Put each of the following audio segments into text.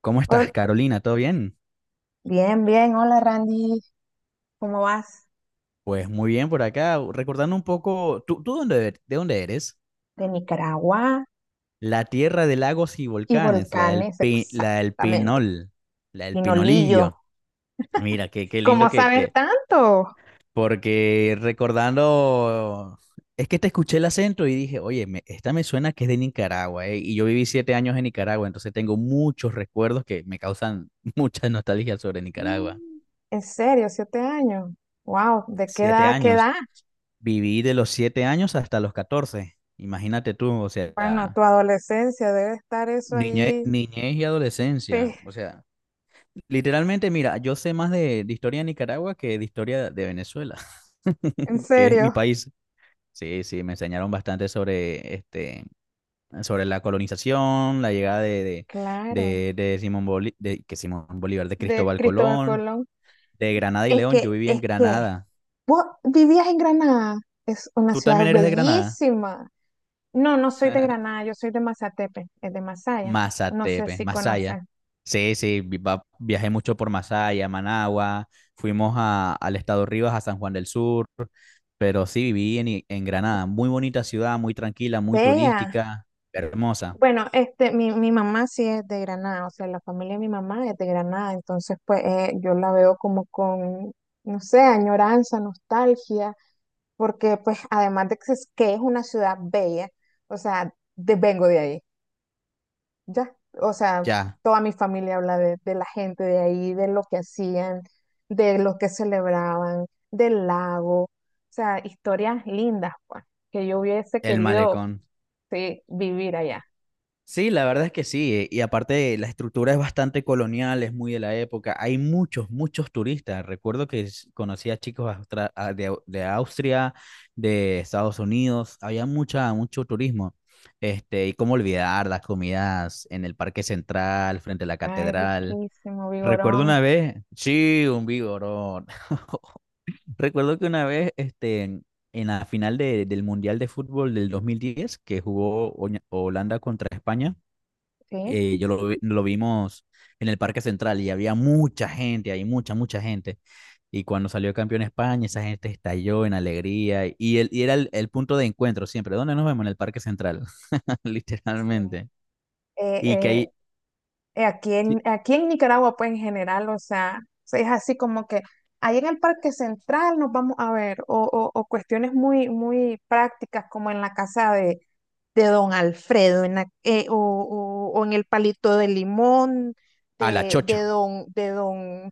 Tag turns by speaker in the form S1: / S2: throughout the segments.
S1: ¿Cómo estás,
S2: Hol-
S1: Carolina? ¿Todo bien?
S2: Bien, bien. Hola, Randy. ¿Cómo vas?
S1: Pues muy bien por acá. Recordando un poco, ¿tú de dónde eres?
S2: De Nicaragua
S1: La tierra de lagos y
S2: y
S1: volcanes,
S2: volcanes, exactamente.
S1: La del
S2: Pinolillo.
S1: Pinolillo. Mira, qué
S2: ¿Cómo
S1: lindo que,
S2: sabes
S1: que...
S2: tanto?
S1: Porque recordando, es que te escuché el acento y dije, oye, esta me suena que es de Nicaragua, ¿eh? Y yo viví 7 años en Nicaragua, entonces tengo muchos recuerdos que me causan mucha nostalgia sobre Nicaragua.
S2: Mm. En serio, 7 años. Wow, ¿de qué edad
S1: Siete
S2: a qué
S1: años.
S2: edad?
S1: Viví de los 7 años hasta los 14. Imagínate tú, o
S2: Bueno,
S1: sea,
S2: tu adolescencia debe estar eso ahí.
S1: niñez, y adolescencia.
S2: Sí,
S1: O sea, literalmente, mira, yo sé más de historia de Nicaragua que de historia de Venezuela,
S2: en
S1: que es mi
S2: serio.
S1: país. Sí, sí, me enseñaron bastante sobre, sobre la colonización, la llegada de,
S2: Claro,
S1: de, de, de Simón Bolívar, de
S2: de
S1: Cristóbal
S2: Cristóbal
S1: Colón,
S2: Colón.
S1: de Granada y
S2: Es
S1: León. Yo
S2: que,
S1: vivía en
S2: es que,
S1: Granada.
S2: vos vivías en Granada. Es una
S1: ¿Tú
S2: ciudad
S1: también eres de Granada?
S2: bellísima. No, no soy de Granada, yo soy de Mazatepe, es de Masaya. No sé
S1: Mazatepe,
S2: si
S1: Masaya.
S2: conoces.
S1: Sí, sí, viajé mucho por Masaya, Managua, fuimos al estado Rivas, a San Juan del Sur, pero sí viví en Granada, muy bonita ciudad, muy tranquila, muy
S2: Vea.
S1: turística, hermosa.
S2: Bueno, este, mi mamá sí es de Granada, o sea, la familia de mi mamá es de Granada, entonces pues yo la veo como con, no sé, añoranza, nostalgia, porque pues además de que es una ciudad bella, o sea, vengo de ahí. Ya, o sea,
S1: Ya,
S2: toda mi familia habla de la gente de ahí, de lo que hacían, de lo que celebraban, del lago, o sea, historias lindas, pues, que yo hubiese
S1: el
S2: querido,
S1: malecón.
S2: sí, vivir allá.
S1: Sí, la verdad es que sí, y aparte la estructura es bastante colonial, es muy de la época, hay muchos, muchos turistas, recuerdo que conocí a chicos de Austria, de Estados Unidos, había mucho turismo, y cómo olvidar las comidas en el Parque Central, frente a la
S2: Ay,
S1: catedral,
S2: riquísimo,
S1: recuerdo
S2: vigorón,
S1: una vez, sí, un vigorón, recuerdo que una vez, en la final del Mundial de Fútbol del 2010, que jugó Holanda contra España.
S2: sí.
S1: Lo vimos en el Parque Central y había mucha gente, hay mucha, mucha gente. Y cuando salió campeón España, esa gente estalló en alegría, y era el punto de encuentro siempre. ¿Dónde nos vemos? En el Parque Central,
S2: Sí.
S1: literalmente.
S2: Eh,
S1: Y que
S2: eh,
S1: ahí,
S2: aquí
S1: sí,
S2: en, aquí en Nicaragua, pues, en general, o sea, es así como que ahí en el Parque Central nos vamos a ver, o, o cuestiones muy, muy prácticas, como en la casa de Don Alfredo o, o en el palito de limón,
S1: a la
S2: de, de
S1: chocho,
S2: don, de don,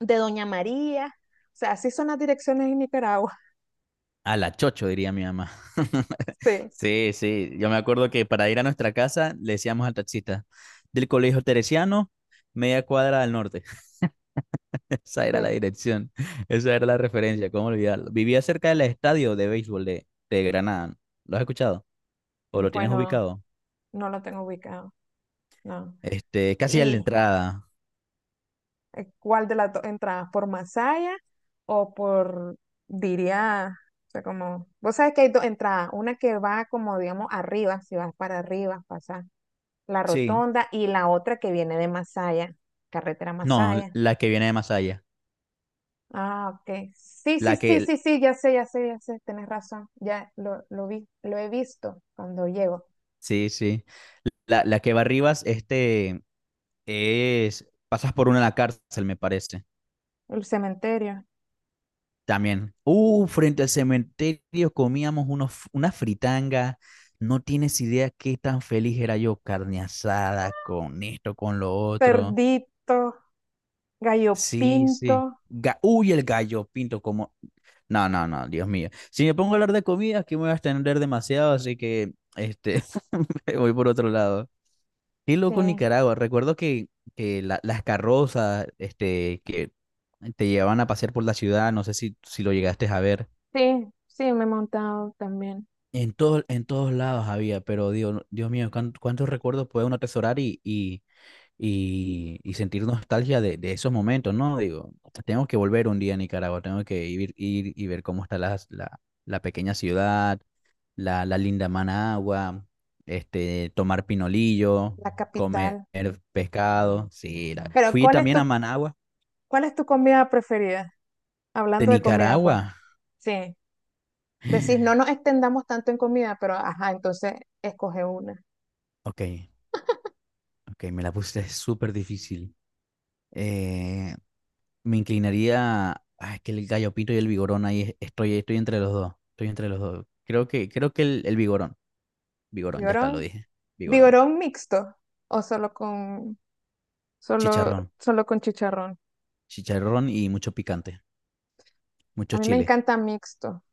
S2: de Doña María. O sea, así son las direcciones en Nicaragua.
S1: a la chocho, diría mi mamá.
S2: Sí,
S1: Sí, sí, yo me acuerdo que para ir a nuestra casa le decíamos al taxista, del Colegio Teresiano, media cuadra al norte. Esa era la
S2: sí.
S1: dirección, esa era la referencia, cómo olvidarlo. Vivía cerca del estadio de béisbol de Granada. ¿Lo has escuchado? ¿O lo tienes
S2: Bueno,
S1: ubicado?
S2: no lo tengo ubicado, no.
S1: Casi a la
S2: ¿Y
S1: entrada.
S2: cuál de las dos entradas? ¿Por Masaya o por, diría, o sea, como, vos sabés que hay dos entradas, una que va como, digamos, arriba, si vas para arriba, pasas La
S1: Sí.
S2: Rotonda y la otra que viene de Masaya, carretera
S1: No,
S2: Masaya.
S1: la que viene de Masaya.
S2: Ah, ok. Sí, sí,
S1: La
S2: sí,
S1: que,
S2: sí, sí, ya sé, ya sé, ya sé, tenés razón. Ya lo vi, lo he visto cuando llego.
S1: sí, sí. La que va arriba, pasas por una a la cárcel, me parece.
S2: El cementerio.
S1: También. Frente al cementerio comíamos una fritanga. No tienes idea qué tan feliz era yo, carne asada, con esto, con lo otro.
S2: Cerdito, gallo
S1: Sí,
S2: pinto.
S1: sí. Uy, el gallo pinto como... No, no, no, Dios mío. Si me pongo a hablar de comida, aquí me voy a extender demasiado, así que me voy por otro lado. Qué
S2: Sí,
S1: loco Nicaragua. Recuerdo que las carrozas, que te llevaban a pasear por la ciudad, no sé si lo llegaste a ver.
S2: sí, sí, me he montado también.
S1: En todos lados había, pero Dios, Dios mío, cuántos recuerdos puede uno atesorar y sentir nostalgia de esos momentos, ¿no? Digo, tengo que volver un día a Nicaragua, tengo que ir y ver cómo está la pequeña ciudad, la linda Managua, tomar pinolillo,
S2: La
S1: comer
S2: capital.
S1: pescado. Sí,
S2: Pero
S1: fui también a Managua,
S2: cuál es tu comida preferida?
S1: de
S2: Hablando de comida, pues.
S1: Nicaragua.
S2: Sí. Decís, no nos extendamos tanto en comida, pero ajá, entonces escoge una.
S1: Ok, ok, me la puse súper difícil. Eh, Me inclinaría. Ah, es que el gallopito y el vigorón ahí estoy entre los dos. Estoy entre los dos. Creo que el vigorón. Vigorón, ya está,
S2: Llorón.
S1: lo dije. Vigorón.
S2: Vigorón mixto o solo con solo
S1: Chicharrón.
S2: solo con chicharrón.
S1: Chicharrón y mucho picante.
S2: A
S1: Mucho
S2: mí me
S1: chile.
S2: encanta mixto.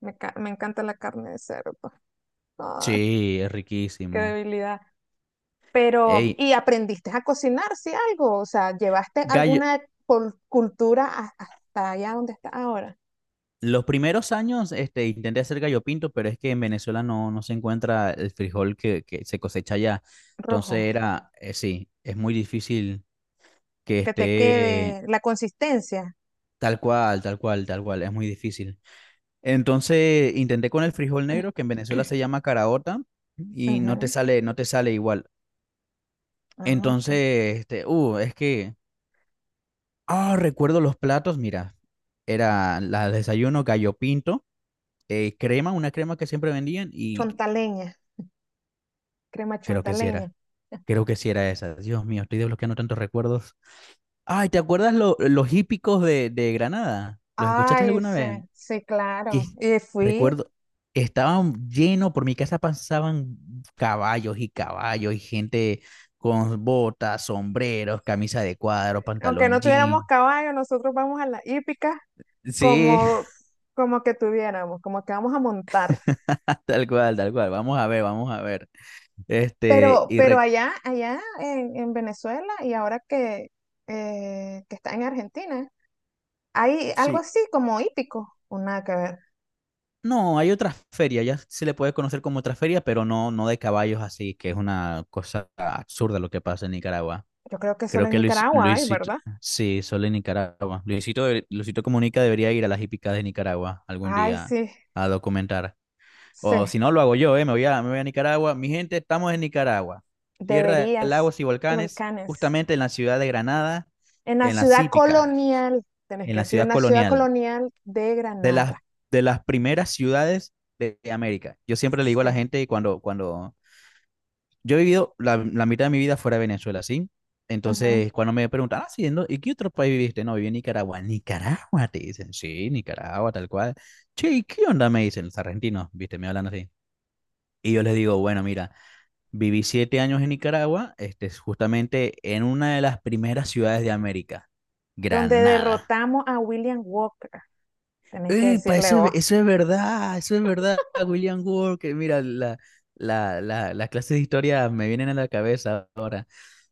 S2: Me encanta la carne de cerdo. Ay,
S1: Sí, es
S2: qué
S1: riquísimo.
S2: debilidad. Pero,
S1: Ey,
S2: ¿y aprendiste a cocinar, sí, algo? O sea, ¿llevaste
S1: gallo.
S2: alguna cultura hasta allá donde está ahora?
S1: Los primeros años, intenté hacer gallo pinto, pero es que en Venezuela no se encuentra el frijol que se cosecha allá. Entonces
S2: Rojo.
S1: sí, es muy difícil que
S2: Que te
S1: esté
S2: quede la consistencia.
S1: tal cual, tal cual, tal cual. Es muy difícil. Entonces intenté con el frijol negro, que en Venezuela se llama caraota, y no te
S2: Ujú.
S1: sale, no te sale igual.
S2: Ah, ok.
S1: Entonces, es que, recuerdo los platos, mira, era la desayuno gallo pinto, crema, una crema que siempre vendían, y
S2: Chontaleña, crema
S1: creo que sí
S2: chontaleña.
S1: era, creo que sí era esa. Dios mío, estoy desbloqueando tantos recuerdos. Ay, ¿te acuerdas los hípicos de Granada? ¿Los escuchaste
S2: Ay,
S1: alguna
S2: sí,
S1: vez?
S2: sí,
S1: Que
S2: claro. Y fui,
S1: recuerdo, estaban llenos, por mi casa pasaban caballos y caballos y gente con botas, sombreros, camisa de cuadro,
S2: aunque
S1: pantalón
S2: no tuviéramos
S1: jean.
S2: caballo, nosotros vamos a la hípica
S1: Sí,
S2: como, como que tuviéramos, como que vamos a montar.
S1: tal cual, tal cual. Vamos a ver, vamos a ver. Este, y
S2: Pero
S1: re-
S2: allá, allá en Venezuela y ahora que está en Argentina, hay algo
S1: sí,
S2: así como hípico, o nada que ver.
S1: no, hay otra feria, ya se le puede conocer como otra feria, pero no de caballos así, que es una cosa absurda lo que pasa en Nicaragua.
S2: Yo creo que solo
S1: Creo
S2: en
S1: que
S2: Nicaragua hay,
S1: Luisito,
S2: ¿verdad?
S1: sí, solo en Nicaragua. Luisito Comunica debería ir a las hípicas de Nicaragua algún
S2: Ay,
S1: día
S2: sí,
S1: a documentar.
S2: sí,
S1: O si no, lo hago yo, ¿eh? Me voy a Nicaragua. Mi gente, estamos en Nicaragua, tierra de
S2: deberías,
S1: lagos y
S2: y
S1: volcanes,
S2: volcanes.
S1: justamente en la ciudad de Granada,
S2: En la
S1: en las
S2: ciudad
S1: hípicas,
S2: colonial, tenés
S1: en
S2: que
S1: la
S2: decir,
S1: ciudad
S2: en la ciudad
S1: colonial,
S2: colonial de
S1: de las,
S2: Granada.
S1: de las primeras ciudades de América. Yo siempre le digo a
S2: Sí.
S1: la gente cuando, yo he vivido la mitad de mi vida fuera de Venezuela, ¿sí? Entonces, cuando me preguntan, ah, sí, ¿y qué otro país viviste? No, viví en Nicaragua. Nicaragua, te dicen, sí, Nicaragua, tal cual. Che, ¿y qué onda? Me dicen los argentinos, viste, me hablan así. Y yo les digo, bueno, mira, viví 7 años en Nicaragua, justamente en una de las primeras ciudades de América,
S2: Donde
S1: Granada.
S2: derrotamos a William Walker. Tenés que
S1: Pa,
S2: decirle, oh,
S1: eso es verdad, William Walker. Mira, las clases de historia me vienen a la cabeza ahora.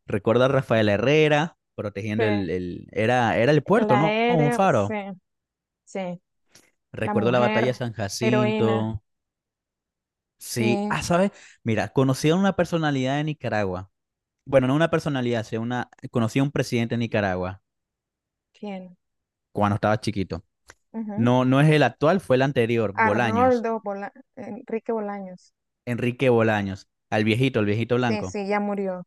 S1: Recuerdo a Rafael Herrera
S2: sí.
S1: protegiendo era el puerto,
S2: La
S1: ¿no? Un
S2: héroe, sí,
S1: faro.
S2: sí. La
S1: Recuerdo la batalla de
S2: mujer
S1: San
S2: heroína,
S1: Jacinto. Sí,
S2: sí.
S1: ah, ¿sabes? Mira, conocí a una personalidad de Nicaragua. Bueno, no una personalidad, sino conocí a un presidente de Nicaragua
S2: ¿Quién?
S1: cuando estaba chiquito.
S2: Ujú.
S1: No, no es el actual, fue el anterior, Bolaños,
S2: Enrique Bolaños.
S1: Enrique Bolaños, al viejito, el viejito
S2: Sí,
S1: blanco.
S2: sí, ya murió,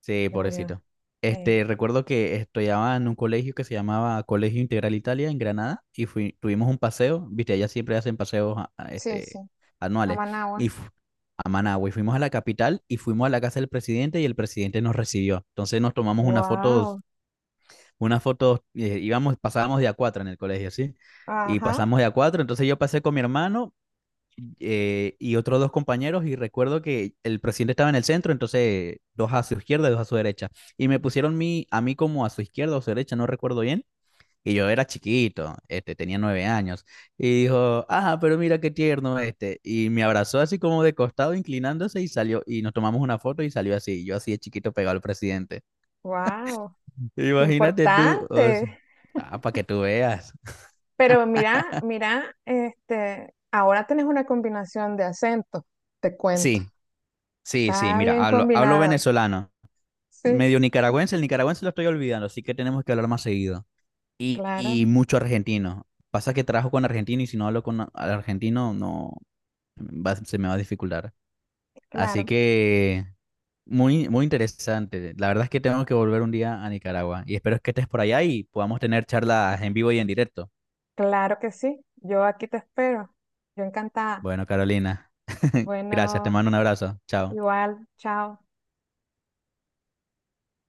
S1: Sí,
S2: ya murió.
S1: pobrecito.
S2: Sí,
S1: Recuerdo que estudiaba en un colegio que se llamaba Colegio Integral Italia en Granada y tuvimos un paseo, viste, allá siempre hacen paseos
S2: sí, sí. A
S1: anuales. Y
S2: Managua.
S1: fu- a Managua y fuimos a la capital y fuimos a la casa del presidente y el presidente nos recibió. Entonces nos tomamos una foto,
S2: Wow,
S1: pasábamos de a cuatro en el colegio, ¿sí? Y
S2: ajá,
S1: pasamos de a cuatro, entonces yo pasé con mi hermano, y otros dos compañeros, y recuerdo que el presidente estaba en el centro, entonces dos a su izquierda y dos a su derecha. Y me pusieron a mí como a su izquierda o su derecha, no recuerdo bien. Y yo era chiquito, tenía 9 años. Y dijo, ah, pero mira qué tierno este. Y me abrazó así como de costado, inclinándose y salió. Y nos tomamos una foto y salió así. Yo así de chiquito pegado al presidente.
S2: wow,
S1: Imagínate tú, o
S2: importante.
S1: sea, ah, para que tú veas.
S2: Pero mira, mira, este, ahora tenés una combinación de acentos, te cuento.
S1: Sí, sí, sí,
S2: Está
S1: mira,
S2: bien
S1: hablo
S2: combinado.
S1: venezolano.
S2: Sí,
S1: Medio nicaragüense, el nicaragüense lo estoy olvidando, así que tenemos que hablar más seguido. Y,
S2: claro,
S1: y mucho argentino. Pasa que trabajo con argentino y si no hablo con al argentino, no va- se me va a dificultar. Así
S2: claro,
S1: que muy, muy interesante. La verdad es que tengo que volver un día a Nicaragua y espero que estés por allá y podamos tener charlas en vivo y en directo.
S2: claro que sí. Yo aquí te espero. Yo encantada.
S1: Bueno, Carolina, gracias, te
S2: Bueno,
S1: mando un abrazo. Chao.
S2: igual, chao.